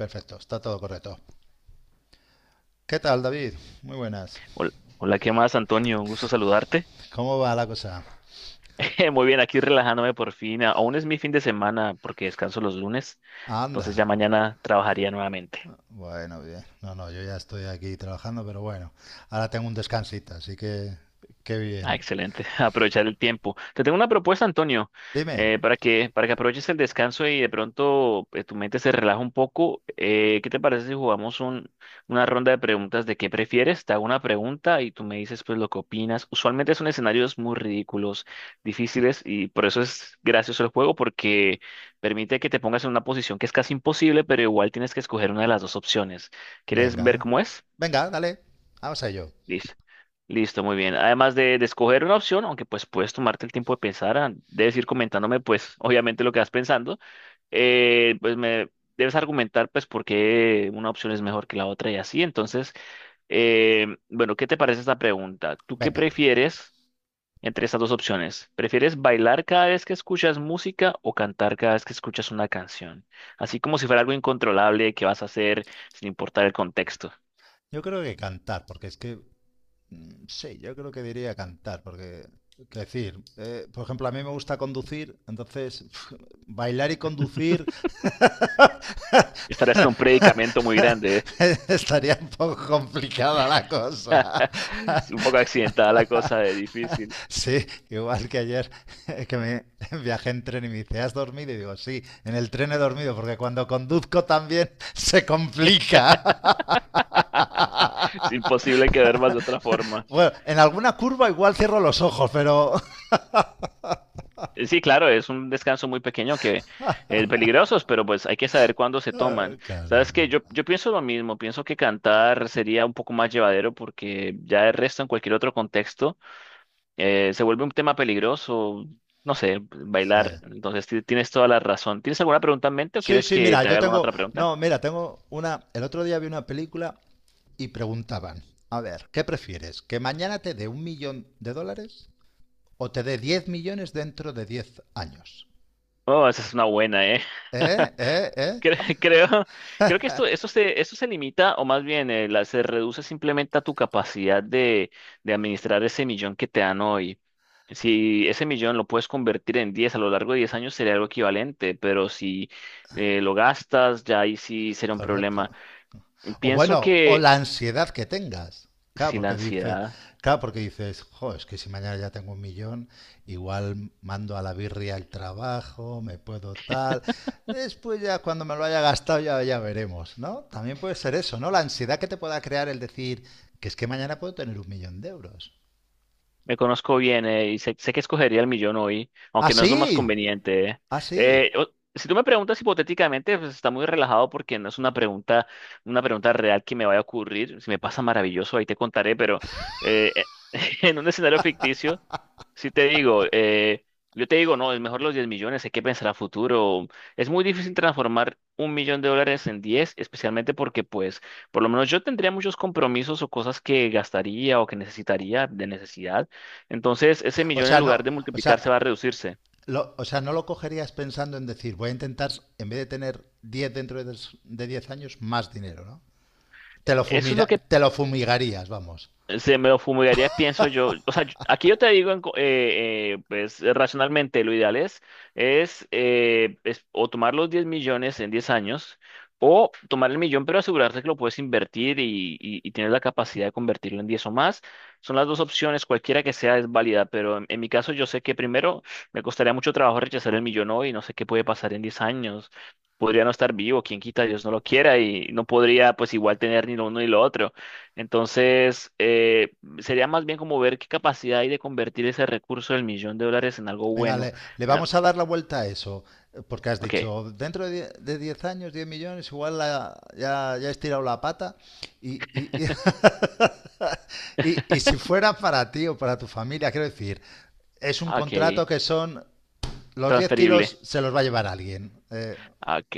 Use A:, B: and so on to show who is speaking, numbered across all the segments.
A: Perfecto, está todo correcto. ¿Qué tal, David? Muy buenas.
B: Hola, hola, ¿qué más, Antonio? Un gusto saludarte.
A: ¿Cómo va la cosa?
B: Muy bien, aquí relajándome por fin. Aún es mi fin de semana porque descanso los lunes, entonces
A: Anda.
B: ya mañana trabajaría nuevamente.
A: Bueno, bien. No, no, yo ya estoy aquí trabajando, pero bueno. Ahora tengo un descansito, así que qué
B: Ah,
A: bien.
B: excelente. Aprovechar el tiempo. Te tengo una propuesta, Antonio,
A: Dime.
B: para que aproveches el descanso y de pronto tu mente se relaja un poco. ¿Qué te parece si jugamos una ronda de preguntas de qué prefieres? Te hago una pregunta y tú me dices pues lo que opinas. Usualmente son escenarios muy ridículos, difíciles y por eso es gracioso el juego porque permite que te pongas en una posición que es casi imposible, pero igual tienes que escoger una de las dos opciones. ¿Quieres ver
A: Venga.
B: cómo es?
A: Venga, dale. Vamos a ello.
B: Listo. Listo, muy bien. Además de escoger una opción, aunque pues puedes tomarte el tiempo de pensar, debes ir comentándome pues obviamente lo que vas pensando, pues me debes argumentar pues por qué una opción es mejor que la otra y así. Entonces, bueno, ¿qué te parece esta pregunta? ¿Tú qué
A: Venga.
B: prefieres entre estas dos opciones? ¿Prefieres bailar cada vez que escuchas música o cantar cada vez que escuchas una canción? Así como si fuera algo incontrolable que vas a hacer sin importar el contexto.
A: Yo creo que cantar, porque es que. Sí, yo creo que diría cantar, porque. Por ejemplo, a mí me gusta conducir, entonces bailar y conducir.
B: Estarás en un predicamento muy grande. ¿Eh?
A: Estaría un poco complicada la cosa.
B: Es un poco accidentada la cosa, es difícil.
A: Sí, igual que ayer que me viajé en tren y me dice, ¿has dormido? Y digo, sí, en el tren he dormido porque cuando conduzco también se complica.
B: Es imposible que duermas de otra forma.
A: Bueno, en alguna curva igual cierro los ojos, pero.
B: Sí, claro, es un descanso muy pequeño que es peligrosos, pero pues hay que saber cuándo se toman.
A: Claro,
B: Sabes que
A: ¿verdad?
B: yo pienso lo mismo, pienso que cantar sería un poco más llevadero porque ya el resto en cualquier otro contexto se vuelve un tema peligroso, no sé,
A: Sí.
B: bailar. Entonces tienes toda la razón. ¿Tienes alguna pregunta en mente o
A: Sí,
B: quieres
A: sí,
B: que
A: mira,
B: te
A: yo
B: haga alguna
A: tengo.
B: otra pregunta?
A: No, mira, tengo una. El otro día vi una película y preguntaban, a ver, ¿qué prefieres? ¿Que mañana te dé un millón de dólares o te dé 10 millones dentro de 10 años?
B: Oh, esa es una buena, ¿eh?
A: ¿Eh? ¿Eh? ¿Eh?
B: Cre- Creo, creo, que esto se limita, o más bien se reduce simplemente a tu capacidad de administrar ese millón que te dan hoy. Si ese millón lo puedes convertir en 10 a lo largo de 10 años sería algo equivalente, pero si lo gastas, ya ahí sí sería un
A: Correcto.
B: problema.
A: O bueno,
B: Pienso
A: o
B: que
A: la ansiedad que tengas. Claro,
B: si la
A: porque dices,
B: ansiedad.
A: claro, porque dices, jo, es que si mañana ya tengo un millón, igual mando a la birria el trabajo, me puedo tal. Después ya cuando me lo haya gastado ya, ya veremos, ¿no? También puede ser eso, ¿no? La ansiedad que te pueda crear el decir que es que mañana puedo tener un millón de euros.
B: Me conozco bien y sé que escogería el millón hoy,
A: Ah,
B: aunque no es
A: sí.
B: lo más conveniente.
A: Ah, sí.
B: Eh, o- si tú me preguntas hipotéticamente, pues está muy relajado porque no es una pregunta real que me vaya a ocurrir. Si me pasa maravilloso, ahí te contaré, pero eh, en un escenario ficticio. Si te digo, yo te digo, no, es mejor los 10 millones, hay que pensar a futuro. Es muy difícil transformar un millón de dólares en 10, especialmente porque, pues, por lo menos yo tendría muchos compromisos o cosas que gastaría o que necesitaría de necesidad. Entonces, ese
A: O
B: millón en
A: sea, no,
B: lugar de
A: o sea,
B: multiplicar se va a reducirse.
A: o sea, no lo cogerías pensando en decir, voy a intentar, en vez de tener 10 dentro de, de 10 años, más dinero, ¿no?
B: Eso es lo que.
A: Te lo fumigarías, vamos.
B: Se me lo fumigaría, pienso yo. O sea, aquí yo te digo, pues racionalmente, lo ideal es o tomar los 10 millones en 10 años, o tomar el millón, pero asegurarse que lo puedes invertir y tener la capacidad de convertirlo en 10 o más. Son las dos opciones, cualquiera que sea es válida, pero en mi caso yo sé que primero me costaría mucho trabajo rechazar el millón hoy, no sé qué puede pasar en 10 años. Podría no estar vivo, quien quita, Dios no lo quiera, y no podría pues igual tener ni lo uno ni lo otro. Entonces, sería más bien como ver qué capacidad hay de convertir ese recurso del millón de dólares en algo
A: Venga,
B: bueno.
A: le
B: Ya,
A: vamos a dar la vuelta a eso, porque has
B: ok,
A: dicho, dentro de de 10 años, 10 millones, ya, ya has tirado la pata. Y, y- y si fuera para ti o para tu familia, quiero decir, es un
B: ok,
A: contrato que son, los 10
B: transferible.
A: kilos se los va a llevar alguien.
B: Ok,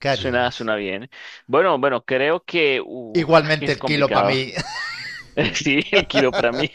A: ¿Qué
B: suena,
A: harías?
B: suena bien. Bueno, bueno, creo que, que
A: Igualmente
B: es
A: el kilo para
B: complicado.
A: mí.
B: Sí, el kilo para mí.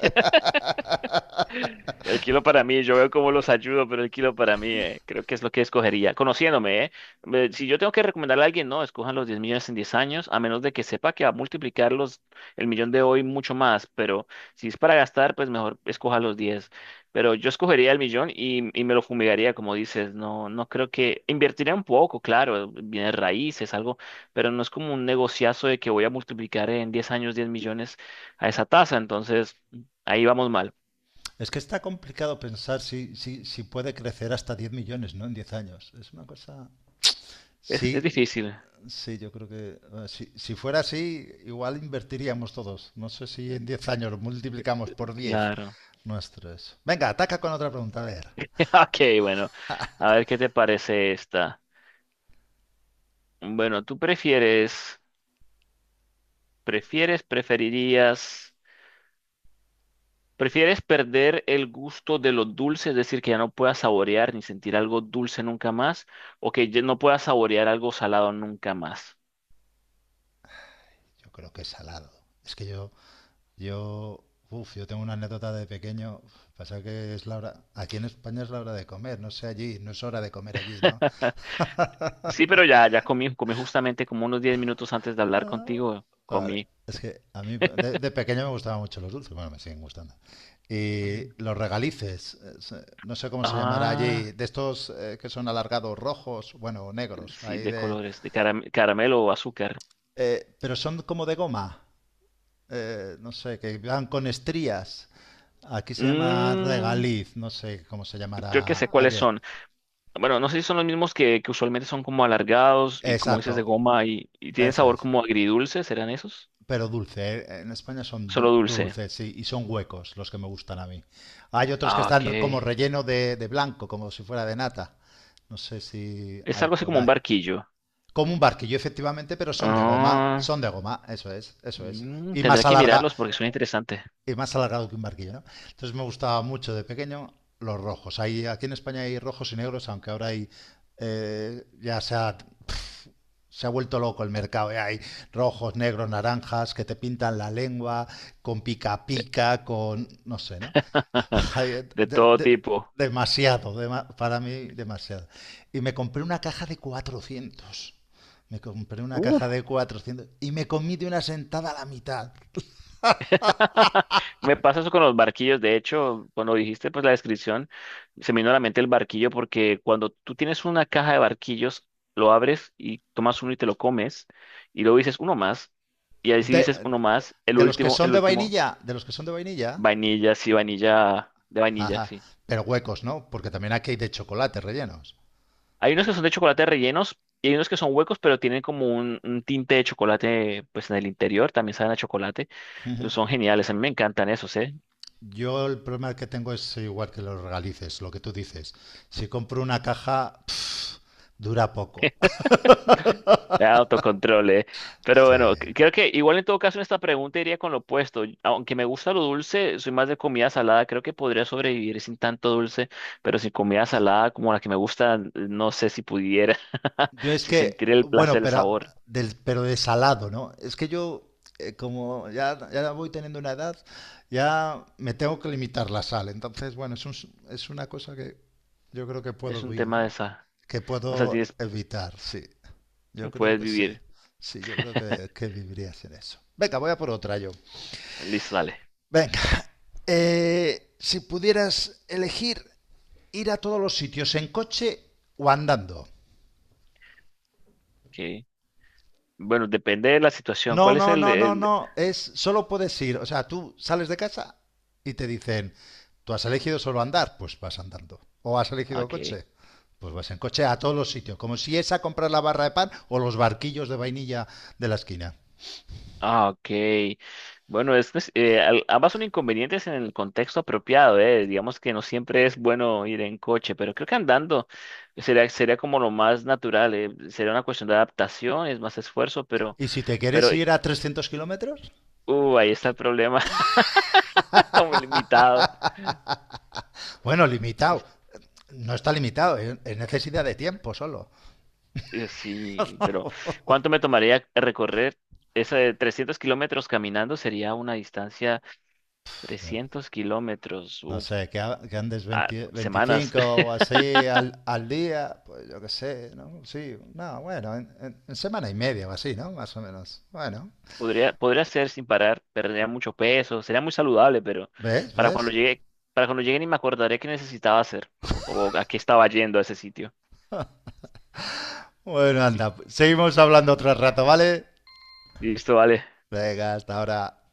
B: El kilo para mí, yo veo cómo los ayudo, pero el kilo para mí, creo que es lo que escogería. Conociéndome, ¿eh? Si yo tengo que recomendarle a alguien, no, escojan los 10 millones en 10 años, a menos de que sepa que va a multiplicar el millón de hoy mucho más. Pero si es para gastar, pues mejor escoja los 10. Pero yo escogería el millón y me lo fumigaría, como dices. No, no creo que. Invertiría un poco, claro, bienes raíces, algo, pero no es como un negociazo de que voy a multiplicar en 10 años 10 millones a esa tasa. Entonces, ahí vamos mal.
A: Es que está complicado pensar si, si puede crecer hasta 10 millones, ¿no? En 10 años. Es una cosa.
B: Es,
A: Sí,
B: es difícil.
A: sí, yo creo que. Si fuera así, igual invertiríamos todos. No sé si en 10 años lo multiplicamos por 10
B: Claro.
A: nuestros. Venga, ataca con otra pregunta. A ver.
B: Ok, bueno. A ver qué te parece esta. Bueno, ¿tú prefieres, preferirías, prefieres perder el gusto de lo dulce, es decir, que ya no puedas saborear ni sentir algo dulce nunca más, o que ya no puedas saborear algo salado nunca más?
A: Yo creo que es salado. Es que yo... Yo... Uf, yo tengo una anécdota de pequeño. Pasa que es la hora... Aquí en España es la hora de comer. No sé allí. No es hora de comer allí, ¿no?
B: Sí, pero ya comí justamente como unos 10 minutos antes de hablar
A: Ah,
B: contigo,
A: vale.
B: comí.
A: Es que a mí de pequeño me gustaban mucho los dulces, bueno, me siguen gustando. Y los regalices, no sé cómo se llamará
B: Ah,
A: allí, de estos que son alargados rojos, bueno, negros,
B: sí,
A: ahí
B: de
A: de.
B: colores, de caramelo o azúcar.
A: Pero son como de goma, no sé, que van con estrías. Aquí se llama
B: Mm,
A: regaliz, no sé cómo se
B: creo que sé
A: llamará
B: cuáles
A: allí.
B: son. Bueno, no sé si son los mismos que usualmente son como alargados y como dices de
A: Exacto,
B: goma y tienen
A: eso
B: sabor
A: es.
B: como agridulce, ¿serán esos?
A: Pero dulce, ¿eh? En España son
B: Solo dulce.
A: dulces, sí, y son huecos los que me gustan a mí. Hay otros que
B: Ah, ok.
A: están como relleno de, blanco, como si fuera de nata. No sé si
B: Es
A: hay
B: algo así
A: por
B: como un
A: ahí.
B: barquillo.
A: Como un barquillo, efectivamente, pero son de goma.
B: Ah,
A: Son de goma, eso es, eso es. Y
B: tendré
A: más
B: que
A: alarga,
B: mirarlos porque son interesantes.
A: y más alargado que un barquillo, ¿no? Entonces me gustaba mucho de pequeño los rojos. Aquí en España hay rojos y negros, aunque ahora hay, ya se ha, pf, se ha vuelto loco el mercado. Ya hay rojos, negros, naranjas que te pintan la lengua con pica pica, con, no sé, ¿no? Hay, eh,
B: De
A: de-
B: todo
A: de-
B: tipo.
A: demasiado, para mí demasiado. Y me compré una caja de 400. Me compré una
B: Uh,
A: caja de 400 y me comí de una sentada a la mitad.
B: Me pasa eso con los barquillos. De hecho, cuando dijiste pues la descripción, se me vino a la mente el barquillo porque cuando tú tienes una caja de barquillos, lo abres y tomas uno y te lo comes y luego dices uno más y ahí sí dices uno más, el último,
A: De los que son de vainilla,
B: vainilla, sí, vainilla, de vainilla,
A: jaja,
B: sí.
A: pero huecos, ¿no? Porque también aquí hay de chocolate rellenos.
B: Hay unos que son de chocolate rellenos y hay unos que son huecos pero tienen como un tinte de chocolate pues en el interior, también saben a chocolate.
A: Uh-huh.
B: Son geniales, a mí me encantan esos, ¿eh?
A: Yo el problema que tengo es igual que los regalices, lo que tú dices. Si compro una caja, pff, dura poco.
B: Ah, autocontrol, eh. Pero
A: Sí.
B: bueno, creo que igual en todo caso en esta pregunta iría con lo opuesto. Aunque me gusta lo dulce, soy más de comida salada. Creo que podría sobrevivir sin tanto dulce, pero sin comida salada como la que me gusta, no sé si pudiera,
A: Yo es
B: si sentir
A: que,
B: el
A: bueno,
B: placer, el
A: pero,
B: sabor.
A: pero de salado, ¿no? Es que yo, como ya voy teniendo una edad, ya me tengo que limitar la sal. Entonces, bueno, es una cosa que yo creo que
B: Es
A: puedo
B: un tema de
A: bien,
B: esa.
A: que
B: O sea,
A: puedo evitar, sí. Yo creo
B: puedes
A: que sí.
B: vivir.
A: Sí, yo creo que, que viviría sin eso. Venga, voy a por otra yo.
B: Listo, dale.
A: Venga. Si pudieras elegir ir a todos los sitios en coche o andando.
B: Okay. Bueno, depende de la situación.
A: No,
B: ¿Cuál es
A: no,
B: el,
A: no, no,
B: el...
A: no. Es solo puedes ir. O sea, tú sales de casa y te dicen, tú has elegido solo andar, pues vas andando. O has elegido
B: Ok.
A: coche, pues vas en coche a todos los sitios. Como si es a comprar la barra de pan o los barquillos de vainilla de la esquina.
B: Ah, ok. Bueno, es que ambas son inconvenientes en el contexto apropiado, eh. Digamos que no siempre es bueno ir en coche, pero creo que andando sería como lo más natural, eh. Sería una cuestión de adaptación, es más esfuerzo, pero,
A: Y si te
B: pero,
A: quieres ir a 300 kilómetros,
B: uh, ahí está el problema, está muy limitado.
A: bueno,
B: Es-
A: limitado. No está limitado, es necesidad de tiempo solo.
B: Sí, pero ¿cuánto me tomaría recorrer esa de 300 kilómetros caminando? Sería una distancia
A: No
B: 300 kilómetros,
A: No
B: uf,
A: sé, que, que andes
B: a
A: 20
B: semanas.
A: 25 o así al día, pues yo qué sé, ¿no? Sí, no, bueno, en, en semana y media o así, ¿no? Más o menos. Bueno,
B: Podría hacer sin parar, perdería mucho peso, sería muy saludable, pero
A: ¿ves?
B: para cuando
A: ¿Ves?
B: llegue, para cuando llegue ni me acordaré qué necesitaba hacer o a qué estaba yendo a ese sitio.
A: Bueno, anda, pues, seguimos hablando otro rato, ¿vale?
B: Listo, vale.
A: Venga, hasta ahora.